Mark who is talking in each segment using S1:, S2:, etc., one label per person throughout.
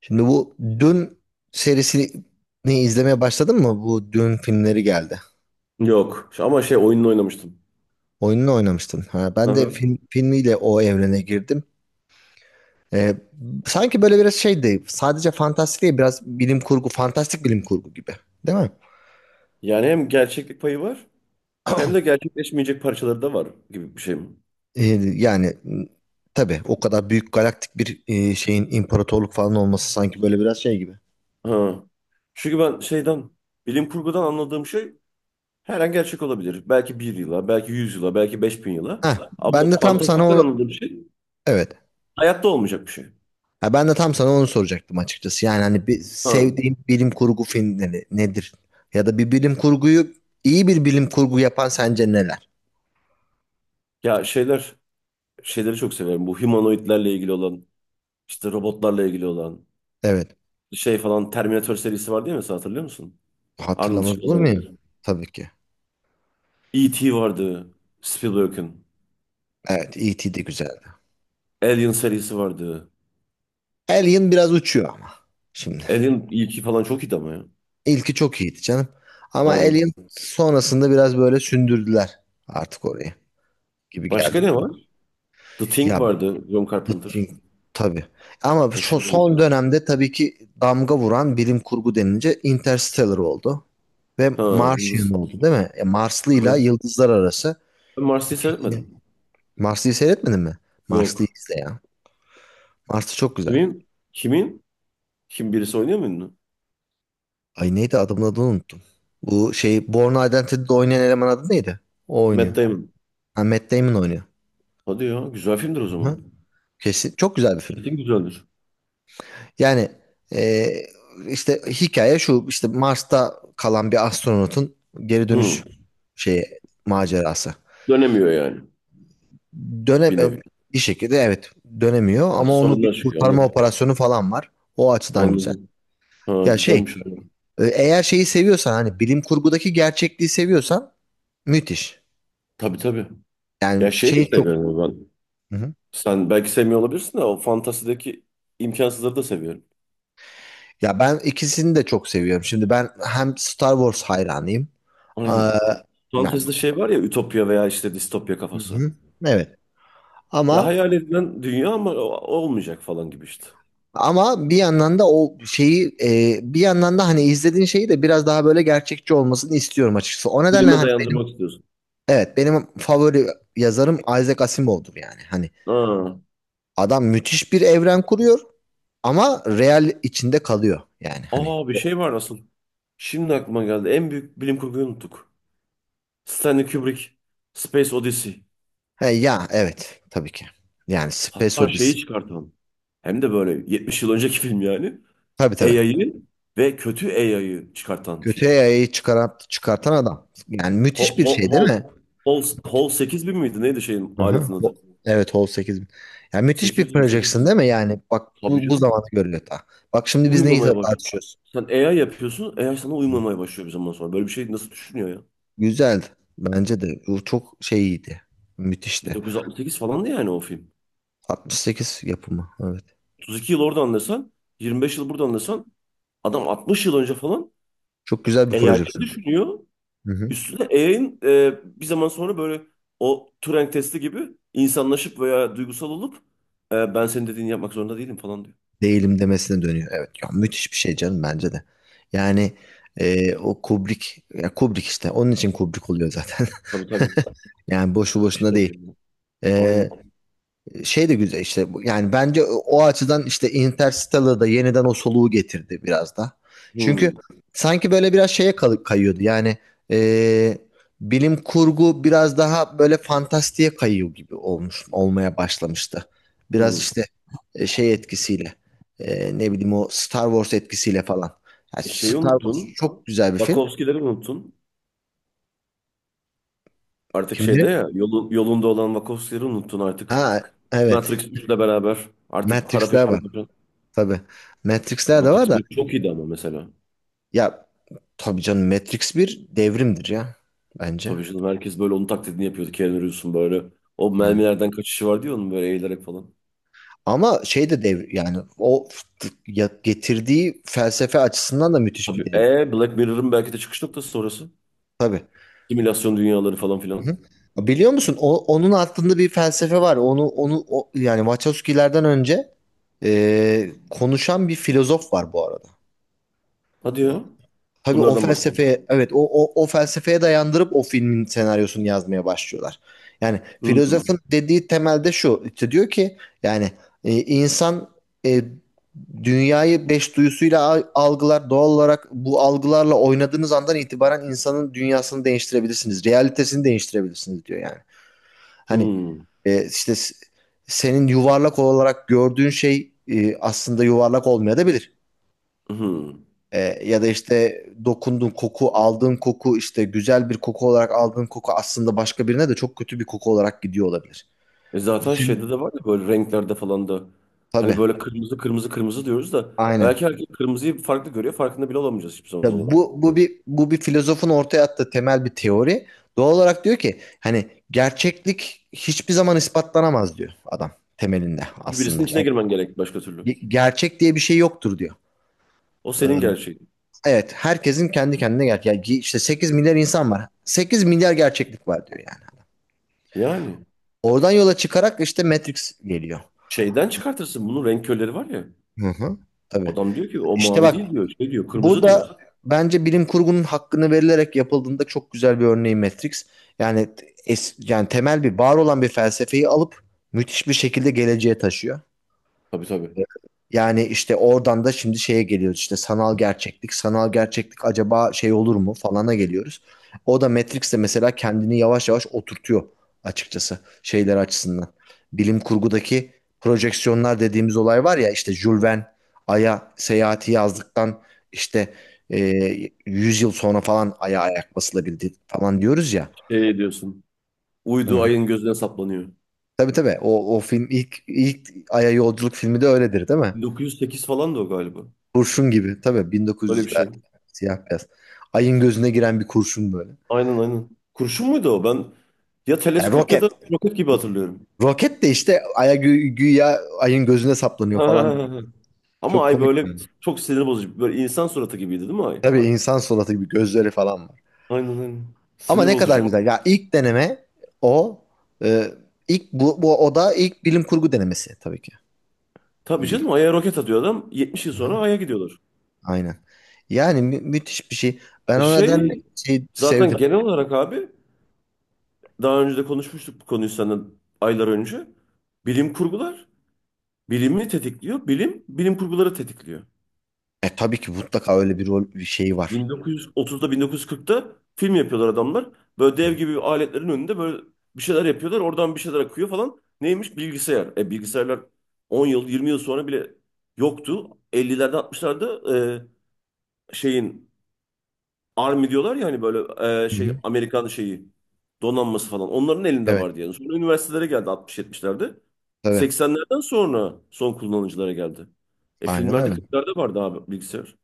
S1: Şimdi bu Dün serisini izlemeye başladın mı? Bu Dün filmleri geldi.
S2: Yok. Ama şey oyununu oynamıştım.
S1: Oyununu oynamıştın. Ha,
S2: Hı
S1: ben de
S2: hı.
S1: filmiyle o evrene girdim. Ee, sanki böyle biraz şey değil. Sadece fantastik değil. Biraz fantastik bilim kurgu gibi. Değil mi?
S2: Yani hem gerçeklik payı var hem de gerçekleşmeyecek parçaları da var gibi bir şey mi?
S1: Ee, yani m, tabii o kadar büyük galaktik bir şeyin imparatorluk falan olması sanki böyle biraz şey gibi.
S2: Ha. Çünkü ben şeyden bilim kurgudan anladığım şey her an gerçek olabilir. Belki bir yıla, belki 100 yıla, belki 5.000 yıla.
S1: Heh,
S2: Ama
S1: ben de tam sana
S2: fantastikten
S1: onu
S2: anladığım şey
S1: evet
S2: hayatta olmayacak bir şey.
S1: Ha, ben de tam sana onu soracaktım açıkçası. Yani hani bir
S2: Ha.
S1: sevdiğim bilim kurgu filmleri nedir? Ya da bir bilim kurgu yapan sence neler?
S2: Ya şeyler şeyleri çok severim. Bu humanoidlerle ilgili olan, işte robotlarla ilgili olan
S1: Evet.
S2: şey falan Terminator serisi var değil mi? Sen hatırlıyor musun? Arnold
S1: Hatırlamaz olur
S2: Schwarzenegger.
S1: muyum? Tabii ki.
S2: E.T. vardı. Spielberg'in.
S1: Evet, E.T. de güzeldi.
S2: Alien serisi vardı.
S1: Alien biraz uçuyor ama. Şimdi.
S2: Alien ilki falan çok iyiydi ama ya.
S1: İlki çok iyiydi canım. Ama
S2: Aynen.
S1: Alien sonrasında biraz böyle sündürdüler artık orayı
S2: Başka
S1: geldi.
S2: ne var? The Thing
S1: Ya
S2: vardı. John Carpenter.
S1: Nutting tabii. Ama
S2: O
S1: şu
S2: şeyde
S1: son
S2: geçiyordu.
S1: dönemde tabii ki damga vuran bilim kurgu denince Interstellar oldu. Ve
S2: Ha,
S1: Martian
S2: Yıldız.
S1: oldu değil mi? E, Marslı'yla
S2: Aha.
S1: Yıldızlar Arası.
S2: Ben Mars'ı
S1: E,
S2: seyretmedim.
S1: Marslı'yı seyretmedin mi? Marslı'yı
S2: Yok.
S1: izle ya. Marslı çok güzel.
S2: Kimin? Kimin? Kim birisi oynuyor mu ünlü?
S1: Ay neydi adamın adını unuttum. Bu şey Born Identity'de oynayan eleman adı neydi? O
S2: Matt
S1: oynuyor.
S2: Damon.
S1: Ha, Matt Damon oynuyor.
S2: Hadi ya. Güzel filmdir o
S1: Hı.
S2: zaman.
S1: Kesin. Çok güzel bir film.
S2: Kesin güzeldir.
S1: Yani e, işte hikaye şu işte Mars'ta kalan bir astronotun geri dönüş
S2: Hı.
S1: şeyi macerası.
S2: Dönemiyor yani.
S1: Dönem
S2: Bir nevi.
S1: e, bir şekilde evet dönemiyor
S2: Ha,
S1: ama onu bir
S2: sorunlar çıkıyor.
S1: kurtarma
S2: Anladım.
S1: operasyonu falan var. O açıdan güzel.
S2: Anladım. Ha,
S1: Ya şey
S2: güzelmiş, abi.
S1: eğer şeyi seviyorsan hani bilim kurgudaki gerçekliği seviyorsan müthiş.
S2: Tabii tabii. Ya
S1: Yani
S2: şey de
S1: şey çok.
S2: seviyorum ben.
S1: Hı hı.
S2: Sen belki sevmiyor olabilirsin de o fantazideki imkansızları da seviyorum.
S1: Ya ben ikisini de çok seviyorum. Şimdi ben hem Star Wars hayranıyım.
S2: Aynen.
S1: Aa, yani-
S2: Fantezide şey var ya ütopya veya işte distopya
S1: Hı
S2: kafası.
S1: hı. Evet.
S2: Ya
S1: Ama
S2: hayal edilen dünya ama olmayacak falan gibi işte.
S1: Ama bir yandan da bir yandan da hani izlediğin şeyi de biraz daha böyle gerçekçi olmasını istiyorum açıkçası. O nedenle
S2: Bilime
S1: hani benim
S2: dayandırmak istiyorsun.
S1: evet benim favori yazarım Isaac Asimov'dur yani. Hani
S2: Aa,
S1: adam müthiş bir evren kuruyor ama real içinde kalıyor yani hani.
S2: aa bir şey var asıl. Şimdi aklıma geldi. En büyük bilim kurguyu unuttuk. Stanley Kubrick, Space Odyssey.
S1: He, ya evet tabii ki. Yani Space
S2: Hatta şeyi
S1: Odyssey.
S2: çıkartan. Hem de böyle 70 yıl önceki film yani.
S1: Tabii tabii.
S2: AI'yı ve kötü AI'yı çıkartan
S1: Kötüye
S2: film.
S1: yayayı çıkartan adam. Yani
S2: Hol,
S1: müthiş bir
S2: hol,
S1: şey değil
S2: hol,
S1: mi?
S2: hol 8000 miydi? Neydi şeyin
S1: Aha.
S2: aletin adı?
S1: Evet Hall 8000. Yani müthiş bir
S2: 800 mü 800
S1: projection
S2: mü?
S1: değil mi? Yani bak
S2: Tabii
S1: bu
S2: canım.
S1: zamanda görülüyor daha. Bak şimdi biz neyi
S2: Uyumamaya baş.
S1: tartışıyoruz?
S2: Sen AI yapıyorsun. AI sana
S1: Hı.
S2: uyumamaya başlıyor bir zaman sonra. Böyle bir şey nasıl düşünüyor ya?
S1: Güzeldi. Bence de. Bu çok şey iyiydi. Müthişti.
S2: 1968 falandı yani o film.
S1: 68 yapımı. Evet.
S2: 32 yıl orada anlasan, 25 yıl burada anlasan adam 60 yıl önce falan
S1: Çok güzel bir
S2: AI'ları
S1: projection.
S2: düşünüyor.
S1: Hı hı.
S2: Üstüne AI'nin bir zaman sonra böyle o Turing testi gibi insanlaşıp veya duygusal olup ben senin dediğini yapmak zorunda değilim falan diyor.
S1: Değilim demesine dönüyor. Evet. Ya, müthiş bir şey canım bence de. Yani o Kubrick. Ya Kubrick işte. Onun için Kubrick oluyor zaten.
S2: Tabii tabii.
S1: Yani boşu boşuna
S2: İşte
S1: değil.
S2: yapıyorum. ben.
S1: E,
S2: Aynen.
S1: şey de güzel işte yani bence o açıdan işte Interstellar'da yeniden o soluğu getirdi biraz da. Çünkü
S2: Hmm,
S1: sanki böyle biraz şeye kayıyordu yani e, bilim kurgu biraz daha böyle fantastiğe kayıyor gibi olmuş olmaya başlamıştı. Biraz
S2: hmm.
S1: işte şey etkisiyle ne bileyim o Star Wars etkisiyle falan. Yani
S2: E şeyi
S1: Star Wars
S2: unuttun.
S1: çok güzel bir film.
S2: Wachowski'leri unuttun. Artık
S1: Kimleri?
S2: şeyde ya yolunda olan Wachowski'leri unuttun artık.
S1: Ha evet
S2: Matrix 3'le beraber artık para
S1: Matrix'ler
S2: peşinde
S1: var
S2: koşan.
S1: tabii. Matrix'ler de var
S2: Matrix
S1: da.
S2: bir çok iyiydi ama mesela.
S1: Ya tabii canım Matrix bir devrimdir ya bence.
S2: Tabii canım herkes böyle onun taklidini yapıyordu. Keanu Reeves'un böyle. O
S1: Aynen.
S2: mermilerden kaçışı vardı ya onun böyle eğilerek falan.
S1: Ama şey de dev yani getirdiği felsefe açısından da müthiş bir
S2: Tabii
S1: devrim.
S2: Black Mirror'ın belki de çıkış noktası sonrası.
S1: Tabii.
S2: Simülasyon dünyaları falan filan.
S1: Hı. Biliyor musun onun altında bir felsefe var. Yani Wachowski'lerden önce konuşan bir filozof var bu arada.
S2: Hadi ya.
S1: Tabii o
S2: Bunlardan bahsedelim.
S1: felsefeye evet o felsefeye dayandırıp o filmin senaryosunu yazmaya başlıyorlar. Yani
S2: Hmm,
S1: filozofun dediği temelde şu işte diyor ki yani insan e, dünyayı beş duyusuyla algılar doğal olarak bu algılarla oynadığınız andan itibaren insanın dünyasını değiştirebilirsiniz. Realitesini değiştirebilirsiniz diyor yani. Hani
S2: hmm,
S1: e, işte s- senin yuvarlak olarak gördüğün şey aslında yuvarlak olmayabilir.
S2: hmm.
S1: Ee, ya da işte aldığın koku işte güzel bir koku olarak aldığın koku aslında başka birine de çok kötü bir koku olarak gidiyor olabilir.
S2: E
S1: Bu
S2: zaten
S1: senin
S2: şeyde de var ya böyle renklerde falan da. Hani
S1: tabii.
S2: böyle kırmızı kırmızı kırmızı diyoruz da
S1: Aynen.
S2: belki herkes kırmızıyı farklı görüyor. Farkında bile olamayacağız hiçbir zaman
S1: Tabii
S2: onun.
S1: bu bir filozofun ortaya attığı temel bir teori. Doğal olarak diyor ki hani gerçeklik hiçbir zaman ispatlanamaz diyor adam temelinde
S2: Çünkü
S1: aslında.
S2: birisinin içine
S1: Yani
S2: girmen gerek başka türlü.
S1: gerçek diye bir şey yoktur diyor.
S2: O senin
S1: Ee,
S2: gerçeğin.
S1: evet, herkesin kendi kendine gerçek. Yani işte 8 milyar insan var. 8 milyar gerçeklik var diyor yani.
S2: Yani
S1: Oradan yola çıkarak işte Matrix geliyor.
S2: şeyden çıkartırsın bunun renk körleri var ya.
S1: Hı hı. Tabii.
S2: Adam diyor ki o
S1: İşte
S2: mavi
S1: bak
S2: değil diyor. Şey diyor
S1: bu
S2: kırmızı diyor.
S1: da bence bilim kurgunun hakkını verilerek yapıldığında çok güzel bir örneği Matrix. Yani yani temel bir var olan bir felsefeyi alıp müthiş bir şekilde geleceğe taşıyor.
S2: Tabii tabii.
S1: Yani işte oradan da şimdi şeye geliyoruz işte sanal gerçeklik. Sanal gerçeklik acaba şey olur mu falana geliyoruz. O da Matrix'te mesela kendini yavaş yavaş oturtuyor açıkçası şeyler açısından. Bilim kurgudaki projeksiyonlar dediğimiz olay var ya işte Jules Verne Ay'a seyahati yazdıktan işte e, 100 yıl sonra falan Ay'a ayak basılabildi falan diyoruz ya.
S2: Şey diyorsun.
S1: Hı
S2: Uydu
S1: hı.
S2: ayın gözüne saplanıyor.
S1: Tabii tabii o film ilk Ay'a yolculuk filmi de öyledir değil mi?
S2: 1908 falan da o galiba.
S1: Kurşun gibi. Tabii
S2: Öyle bir şey.
S1: 1900'lerde. Siyah beyaz. Ayın gözüne giren bir kurşun böyle.
S2: Aynen aynen. Kurşun muydu o? Ben ya
S1: Yani
S2: teleskop ya da
S1: roket.
S2: roket gibi hatırlıyorum.
S1: Roket de işte aya güya ayın gözüne saplanıyor falan.
S2: Ama
S1: Çok
S2: ay
S1: komik
S2: böyle
S1: yani.
S2: çok sinir bozucu. Böyle insan suratı gibiydi değil mi ay?
S1: Tabii insan suratı gibi gözleri falan var.
S2: Aynen aynen.
S1: Ama
S2: Sinir
S1: ne kadar
S2: bozucu.
S1: güzel. Ya ilk deneme o. Ee, ilk bu, bu o da ilk bilim kurgu denemesi tabii ki.
S2: Tabii bir şey değil
S1: Büyük-
S2: mi? Ay'a roket atıyor adam. 70 yıl sonra
S1: Aha,
S2: Ay'a gidiyorlar.
S1: Aynen. Müthiş bir şey. Ben
S2: E
S1: o nedenle
S2: şey
S1: şey
S2: zaten
S1: sevdim.
S2: genel olarak abi daha önce de konuşmuştuk bu konuyu senden aylar önce. Bilim kurgular bilimi tetikliyor. Bilim bilim kurguları tetikliyor.
S1: Tabii ki mutlaka öyle bir rol bir şey var.
S2: 1930'da 1940'ta film yapıyorlar adamlar. Böyle dev gibi aletlerin önünde böyle bir şeyler yapıyorlar. Oradan bir şeyler akıyor falan. Neymiş? Bilgisayar. E bilgisayarlar 10 yıl 20 yıl sonra bile yoktu. 50'lerde 60'larda şeyin Army diyorlar ya hani böyle
S1: Hı
S2: şey
S1: hı.
S2: Amerikan şeyi donanması falan. Onların elinde
S1: Evet
S2: vardı yani. Sonra üniversitelere geldi 60-70'lerde.
S1: tabii.
S2: 80'lerden sonra son kullanıcılara geldi. E
S1: Aynen
S2: filmlerde
S1: öyle.
S2: 40'larda vardı abi bilgisayar.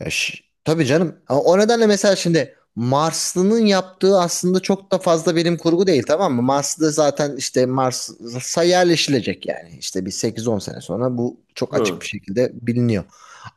S1: Tabii canım. Ama o nedenle mesela şimdi Marslı'nın yaptığı aslında çok da fazla bilim kurgu değil tamam mı? Marslı zaten işte Mars'a yerleşilecek yani. İşte bir sekiz on sene sonra bu çok açık
S2: Hı.
S1: bir şekilde biliniyor.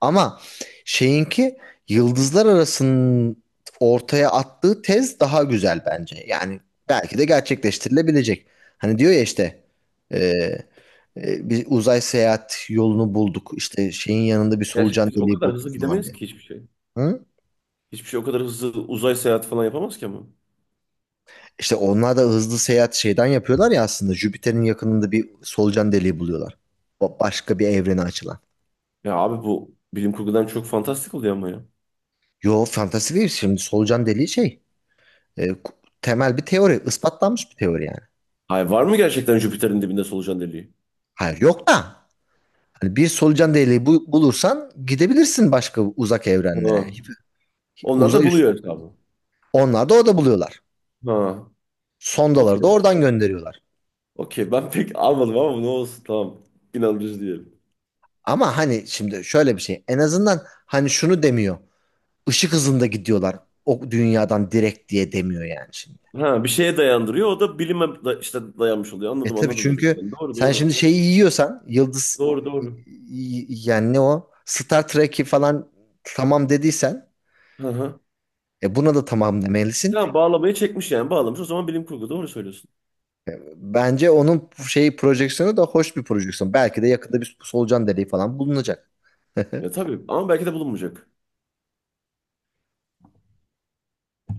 S1: Ama şeyinki yıldızlar arasının ortaya attığı tez daha güzel bence. Yani belki de gerçekleştirilebilecek. Hani diyor ya işte e, bir uzay seyahat yolunu bulduk. İşte şeyin yanında bir solucan
S2: Gerçekten biz o
S1: deliği
S2: kadar
S1: bulduk
S2: hızlı
S1: falan.
S2: gidemeyiz ki hiçbir şey.
S1: Hı?
S2: Hiçbir şey o kadar hızlı uzay seyahati falan yapamaz ki ama.
S1: İşte onlar da hızlı seyahat şeyden yapıyorlar ya aslında. Jüpiter'in yakınında bir solucan deliği buluyorlar. Başka bir evrene açılan.
S2: Ya abi bu bilim kurgudan çok fantastik oluyor ama ya.
S1: Yo fantasi değil şimdi solucan deliği şey. e, ku- temel bir teori. İspatlanmış bir teori yani.
S2: Hayır var mı gerçekten Jüpiter'in dibinde solucan deliği?
S1: Hayır yok da. Hani bir solucan deliği bulursan gidebilirsin başka uzak
S2: Ha.
S1: evrenlere.
S2: Onlar da
S1: Uzay üstü.
S2: buluyor hesabı.
S1: Onlar da orada buluyorlar.
S2: Ha.
S1: Sondaları da
S2: Okey.
S1: oradan gönderiyorlar.
S2: Okey. Ben pek almadım ama ne olsun tamam. İnandırıcı diyelim.
S1: Ama hani şimdi şöyle bir şey. En azından hani şunu demiyor. Işık hızında gidiyorlar. O dünyadan direkt diye demiyor yani şimdi.
S2: Ha bir şeye dayandırıyor. O da bilime işte dayanmış oluyor.
S1: E
S2: Anladım
S1: tabii
S2: anladım demek
S1: çünkü
S2: istedim. Doğru
S1: sen
S2: doğru.
S1: şimdi şeyi yiyorsan yıldız
S2: Doğru doğru.
S1: yani ne o Star Trek'i falan tamam dediysen
S2: Hı hı.
S1: e buna da tamam demelisin.
S2: Tamam bağlamayı çekmiş yani bağlamış. O zaman bilim kurgu doğru söylüyorsun.
S1: Bence onun şeyi projeksiyonu da hoş bir projeksiyon. Belki de yakında bir solucan deliği falan bulunacak.
S2: Ya tabii ama belki de bulunmayacak.